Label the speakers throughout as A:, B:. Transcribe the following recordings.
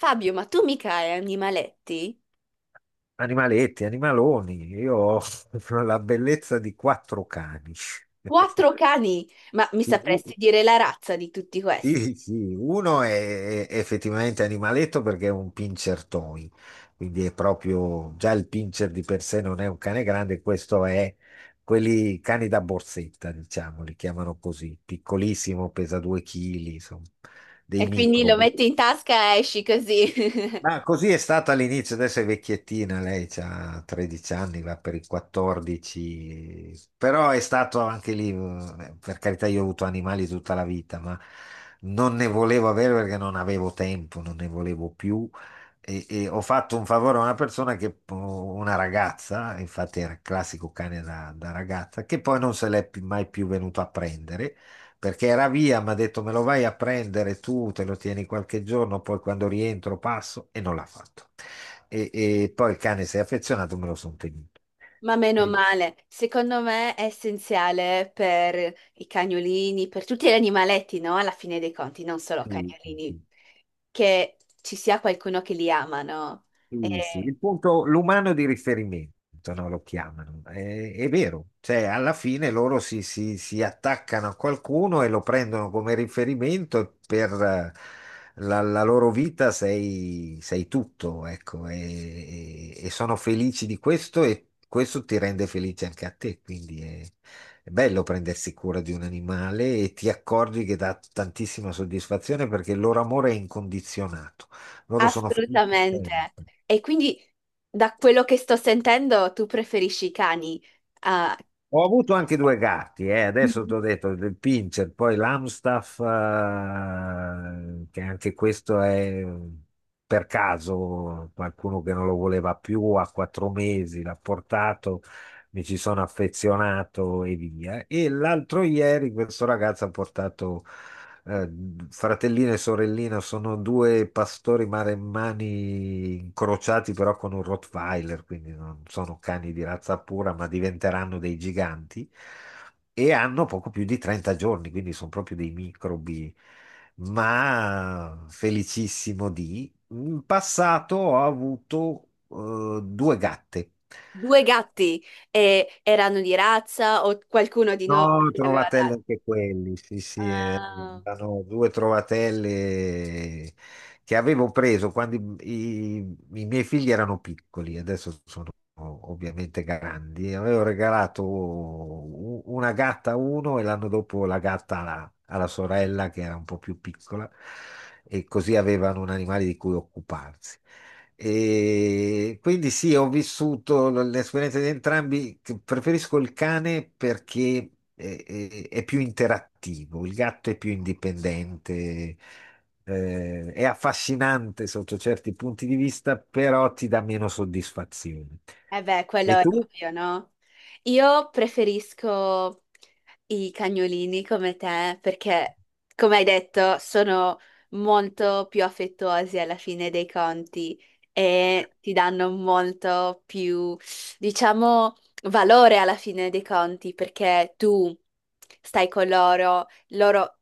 A: Fabio, ma tu mica hai animaletti?
B: Animaletti, animaloni, io ho la bellezza di 4 cani.
A: Quattro cani, ma mi
B: Sì, u-
A: sapresti dire la razza di tutti questi?
B: sì, sì, uno è effettivamente animaletto perché è un pincher toy, quindi è proprio, già il pincher di per sé non è un cane grande, questo è quelli cani da borsetta, diciamo, li chiamano così, piccolissimo, pesa 2 kg, insomma, dei
A: E quindi
B: micro.
A: lo metti in tasca e esci così.
B: Ma così è stata all'inizio, adesso è vecchiettina, lei ha 13 anni, va per i 14, però è stato anche lì, per carità, io ho avuto animali tutta la vita, ma non ne volevo avere perché non avevo tempo, non ne volevo più e ho fatto un favore a una persona, che, una ragazza, infatti era il classico cane da ragazza, che poi non se mai più venuto a prendere perché era via, mi ha detto me lo vai a prendere tu, te lo tieni qualche giorno, poi quando rientro passo e non l'ha fatto. E poi il cane si è affezionato, me lo sono tenuto.
A: Ma meno
B: E-
A: male, secondo me è essenziale per i cagnolini, per tutti gli animaletti, no? Alla fine dei conti, non solo
B: sì, sì,
A: cagnolini,
B: sì.
A: che ci sia qualcuno che li ama, no?
B: Sì, sì,
A: Eh,
B: il punto, l'umano di riferimento, no, lo chiamano. È vero, cioè alla fine loro si attaccano a qualcuno e lo prendono come riferimento per la loro vita sei tutto, ecco, e sono felici di questo e questo ti rende felice anche a te, quindi è bello prendersi cura di un animale e ti accorgi che dà tantissima soddisfazione perché il loro amore è incondizionato, loro sono felici
A: assolutamente.
B: sempre.
A: E quindi, da quello che sto sentendo, tu preferisci i cani? Ah,
B: Ho avuto anche due gatti, adesso
A: mhm.
B: ti ho detto il Pinscher, poi l'Amstaff, che anche questo è per caso qualcuno che non lo voleva più, a 4 mesi l'ha portato, mi ci sono affezionato e via. E l'altro ieri questo ragazzo ha portato eh, fratellino e sorellina, sono due pastori maremmani incrociati però con un Rottweiler, quindi non sono cani di razza pura, ma diventeranno dei giganti. E hanno poco più di 30 giorni, quindi sono proprio dei microbi, ma felicissimo di. In passato ho avuto due gatte.
A: Due gatti e erano di razza o qualcuno di noi
B: No,
A: li aveva
B: trovatelle
A: dati?
B: anche quelli, sì, sì,
A: Ah,
B: erano due trovatelle che avevo preso quando i miei figli erano piccoli, adesso sono ovviamente grandi. Avevo regalato una gatta a uno e l'anno dopo la gatta alla sorella che era un po' più piccola e così avevano un animale di cui occuparsi. E quindi sì, ho vissuto l'esperienza di entrambi. Che Preferisco il cane perché è più interattivo, il gatto è più indipendente, è affascinante sotto certi punti di vista, però ti dà meno soddisfazione.
A: eh beh,
B: E
A: quello è
B: tu?
A: ovvio, no? Io preferisco i cagnolini come te perché, come hai detto, sono molto più affettuosi alla fine dei conti e ti danno molto più, diciamo, valore alla fine dei conti perché tu stai con loro, loro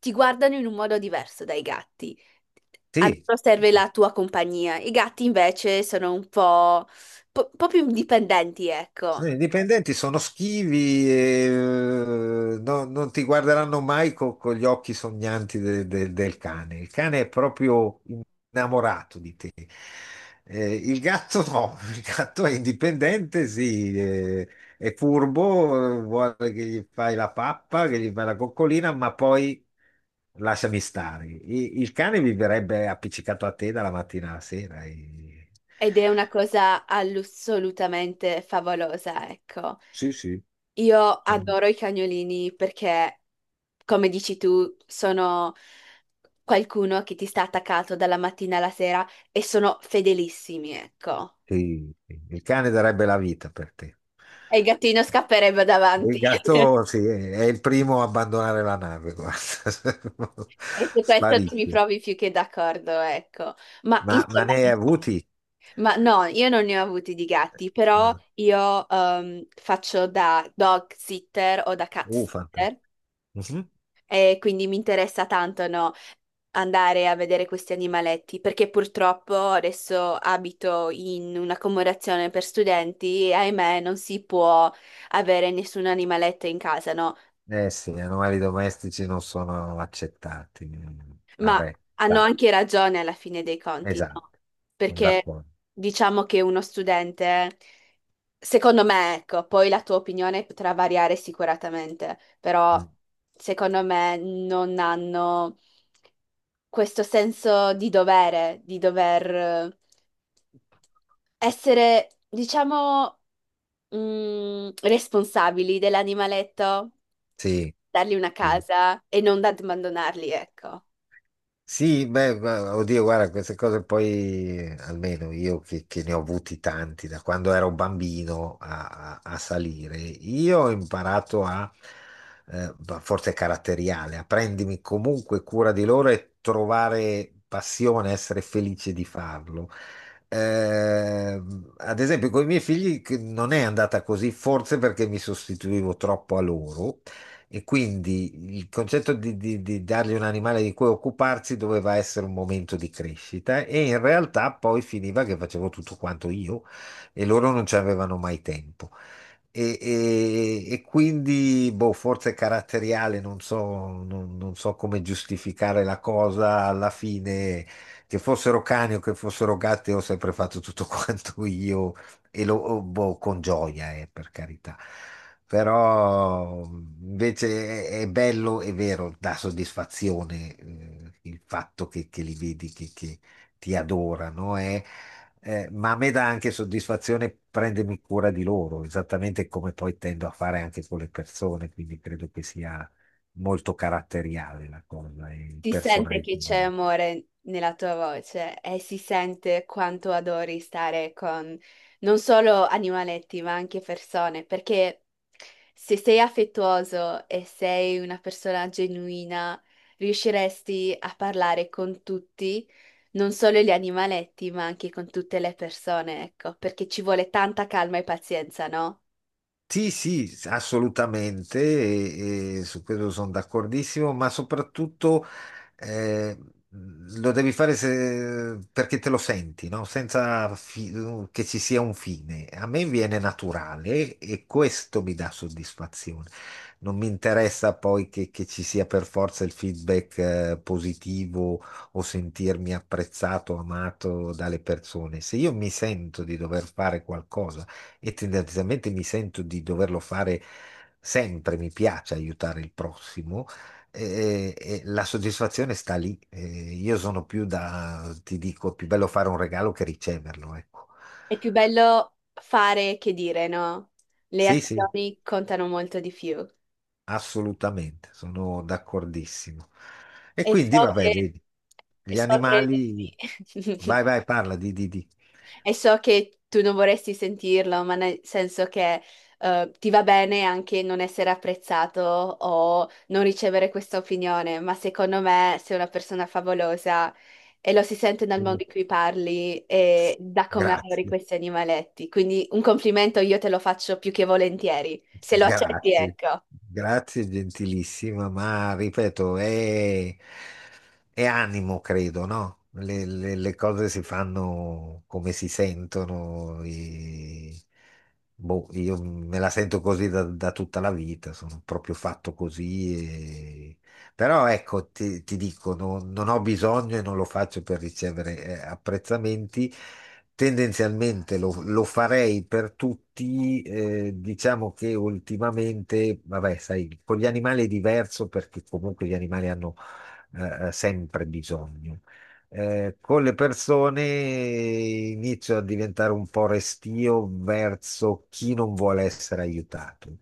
A: ti guardano in un modo diverso dai gatti. A
B: Sì.
A: loro serve la tua compagnia. I gatti invece sono un po', un po' più indipendenti,
B: Sì,
A: ecco.
B: i dipendenti sono schivi e non ti guarderanno mai con gli occhi sognanti del cane. Il cane è proprio innamorato di te. Il gatto no, il gatto è indipendente, sì, è furbo, vuole che gli fai la pappa, che gli fai la coccolina, ma poi lasciami stare. Il cane viverebbe appiccicato a te dalla mattina alla sera.
A: Ed è una cosa assolutamente favolosa, ecco.
B: Sì, sì.
A: Io adoro i cagnolini perché, come dici tu, sono qualcuno che ti sta attaccato dalla mattina alla sera e sono fedelissimi, ecco.
B: Sì, sì, il cane darebbe la vita per te.
A: E il gattino scapperebbe davanti.
B: Il gatto, sì, è il primo a abbandonare la nave, guarda.
A: E su questo non mi
B: Sparisce.
A: provi più che d'accordo, ecco. Ma
B: Ma
A: insomma,
B: ne hai avuti?
A: ma no, io non ne ho avuti di gatti, però
B: Uh,
A: io faccio da dog sitter o da cat sitter
B: fantastico. Mhm.
A: e quindi mi interessa tanto, no, andare a vedere questi animaletti, perché purtroppo adesso abito in un'accomodazione per studenti e ahimè non si può avere nessun animaletto in casa, no?
B: Eh sì, gli animali domestici non sono accettati.
A: Ma
B: Vabbè,
A: hanno
B: da,
A: anche ragione alla fine dei conti, no? Mm.
B: esatto, sono
A: Perché
B: d'accordo.
A: diciamo che uno studente, secondo me, ecco, poi la tua opinione potrà variare sicuramente, però
B: Mm,
A: secondo me non hanno questo senso di dovere, di dover essere, diciamo, responsabili dell'animaletto,
B: sì,
A: dargli una
B: sì.
A: casa e non abbandonarli, ecco.
B: Sì, beh, oddio, guarda, queste cose poi, almeno io che ne ho avuti tanti da quando ero bambino a, a salire, io ho imparato a, ma forse è caratteriale, a prendermi comunque cura di loro e trovare passione, essere felice di farlo. Eh, ad esempio, con i miei figli che non è andata così, forse perché mi sostituivo troppo a loro e quindi il concetto di dargli un animale di cui occuparsi doveva essere un momento di crescita e in realtà poi finiva che facevo tutto quanto io e loro non ci avevano mai tempo. E quindi, boh, forse caratteriale, non so, non so come giustificare la cosa alla fine, che fossero cani o che fossero gatti, ho sempre fatto tutto quanto io e lo oh, boh, con gioia, per carità. Però invece è bello, è vero, dà soddisfazione, il fatto che li vedi, che ti adorano, eh. Ma a me dà anche soddisfazione prendermi cura di loro, esattamente come poi tendo a fare anche con le persone, quindi credo che sia molto caratteriale la cosa, e
A: Si sente
B: personale.
A: che c'è amore nella tua voce e si sente quanto adori stare con non solo animaletti, ma anche persone, perché se sei affettuoso e sei una persona genuina, riusciresti a parlare con tutti, non solo gli animaletti, ma anche con tutte le persone, ecco, perché ci vuole tanta calma e pazienza, no?
B: Sì, sì, assolutamente, e su questo sono d'accordissimo, ma soprattutto eh, lo devi fare perché te lo senti, no? Senza che ci sia un fine. A me viene naturale e questo mi dà soddisfazione. Non mi interessa poi che ci sia per forza il feedback, positivo o sentirmi apprezzato, amato dalle persone. Se io mi sento di dover fare qualcosa e tendenzialmente mi sento di doverlo fare sempre, mi piace aiutare il prossimo, e la soddisfazione sta lì. Io sono più da, ti dico, è più bello fare un regalo che riceverlo, ecco.
A: È più bello fare che dire, no? Le
B: Sì, sì,
A: azioni contano molto di più.
B: assolutamente, sono d'accordissimo. E
A: E so
B: quindi, vabbè,
A: che,
B: vedi,
A: e
B: gli
A: so che,
B: animali,
A: sì.
B: vai, vai, parla di, di.
A: E so che tu non vorresti sentirlo, ma nel senso che ti va bene anche non essere apprezzato o non ricevere questa opinione, ma secondo me sei una persona favolosa e lo si sente dal modo in cui parli e da come adori
B: Grazie.
A: questi animaletti. Quindi un complimento io te lo faccio più che volentieri, se lo accetti,
B: Grazie,
A: ecco.
B: grazie, gentilissima, ma ripeto, è animo, credo, no? Le cose si fanno come si sentono. Boh, io me la sento così da, da tutta la vita, sono proprio fatto così, però ecco, ti dico, non ho bisogno e non lo faccio per ricevere, apprezzamenti. Tendenzialmente lo farei per tutti, diciamo che ultimamente, vabbè, sai, con gli animali è diverso perché comunque gli animali hanno sempre bisogno. Con le persone inizio a diventare un po' restio verso chi non vuole essere aiutato,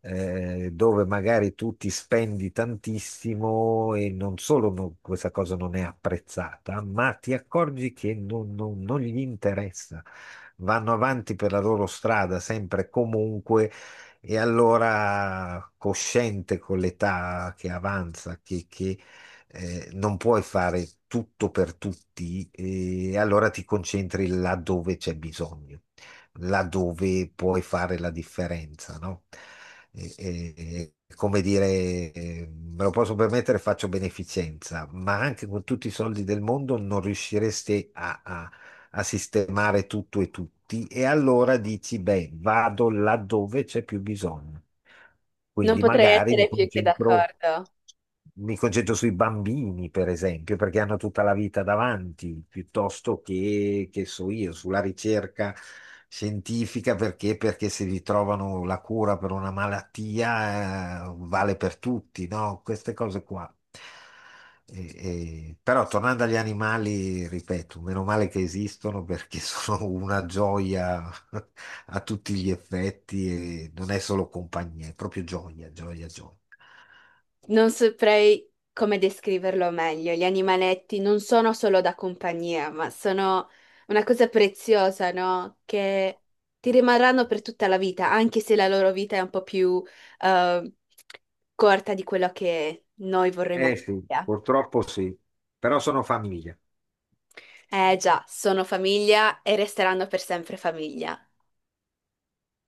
B: dove magari tu ti spendi tantissimo e non solo questa cosa non è apprezzata, ma ti accorgi che non, non gli interessa. Vanno avanti per la loro strada, sempre e comunque, e allora cosciente con l'età che avanza, non puoi fare tutto per tutti, e allora ti concentri là dove c'è bisogno, laddove puoi fare la differenza, no? E- e- come dire, me lo posso permettere, faccio beneficenza, ma anche con tutti i soldi del mondo non riusciresti a, a sistemare tutto e tutti e allora dici, beh, vado laddove c'è più bisogno.
A: Non
B: Quindi
A: potrei
B: magari
A: essere più che d'accordo.
B: mi concentro sui bambini, per esempio, perché hanno tutta la vita davanti, piuttosto che so io, sulla ricerca scientifica, perché? Perché se vi trovano la cura per una malattia, vale per tutti, no? Queste cose qua. Però tornando agli animali, ripeto, meno male che esistono perché sono una gioia a tutti gli effetti e non è solo compagnia, è proprio gioia, gioia, gioia.
A: Non saprei come descriverlo meglio. Gli animaletti non sono solo da compagnia, ma sono una cosa preziosa, no? Che ti rimarranno per tutta la vita, anche se la loro vita è un po' più eh, corta di quello che noi vorremmo
B: Eh
A: che
B: sì,
A: sia.
B: purtroppo sì, però sono famiglia.
A: Eh già, sono famiglia e resteranno per sempre famiglia.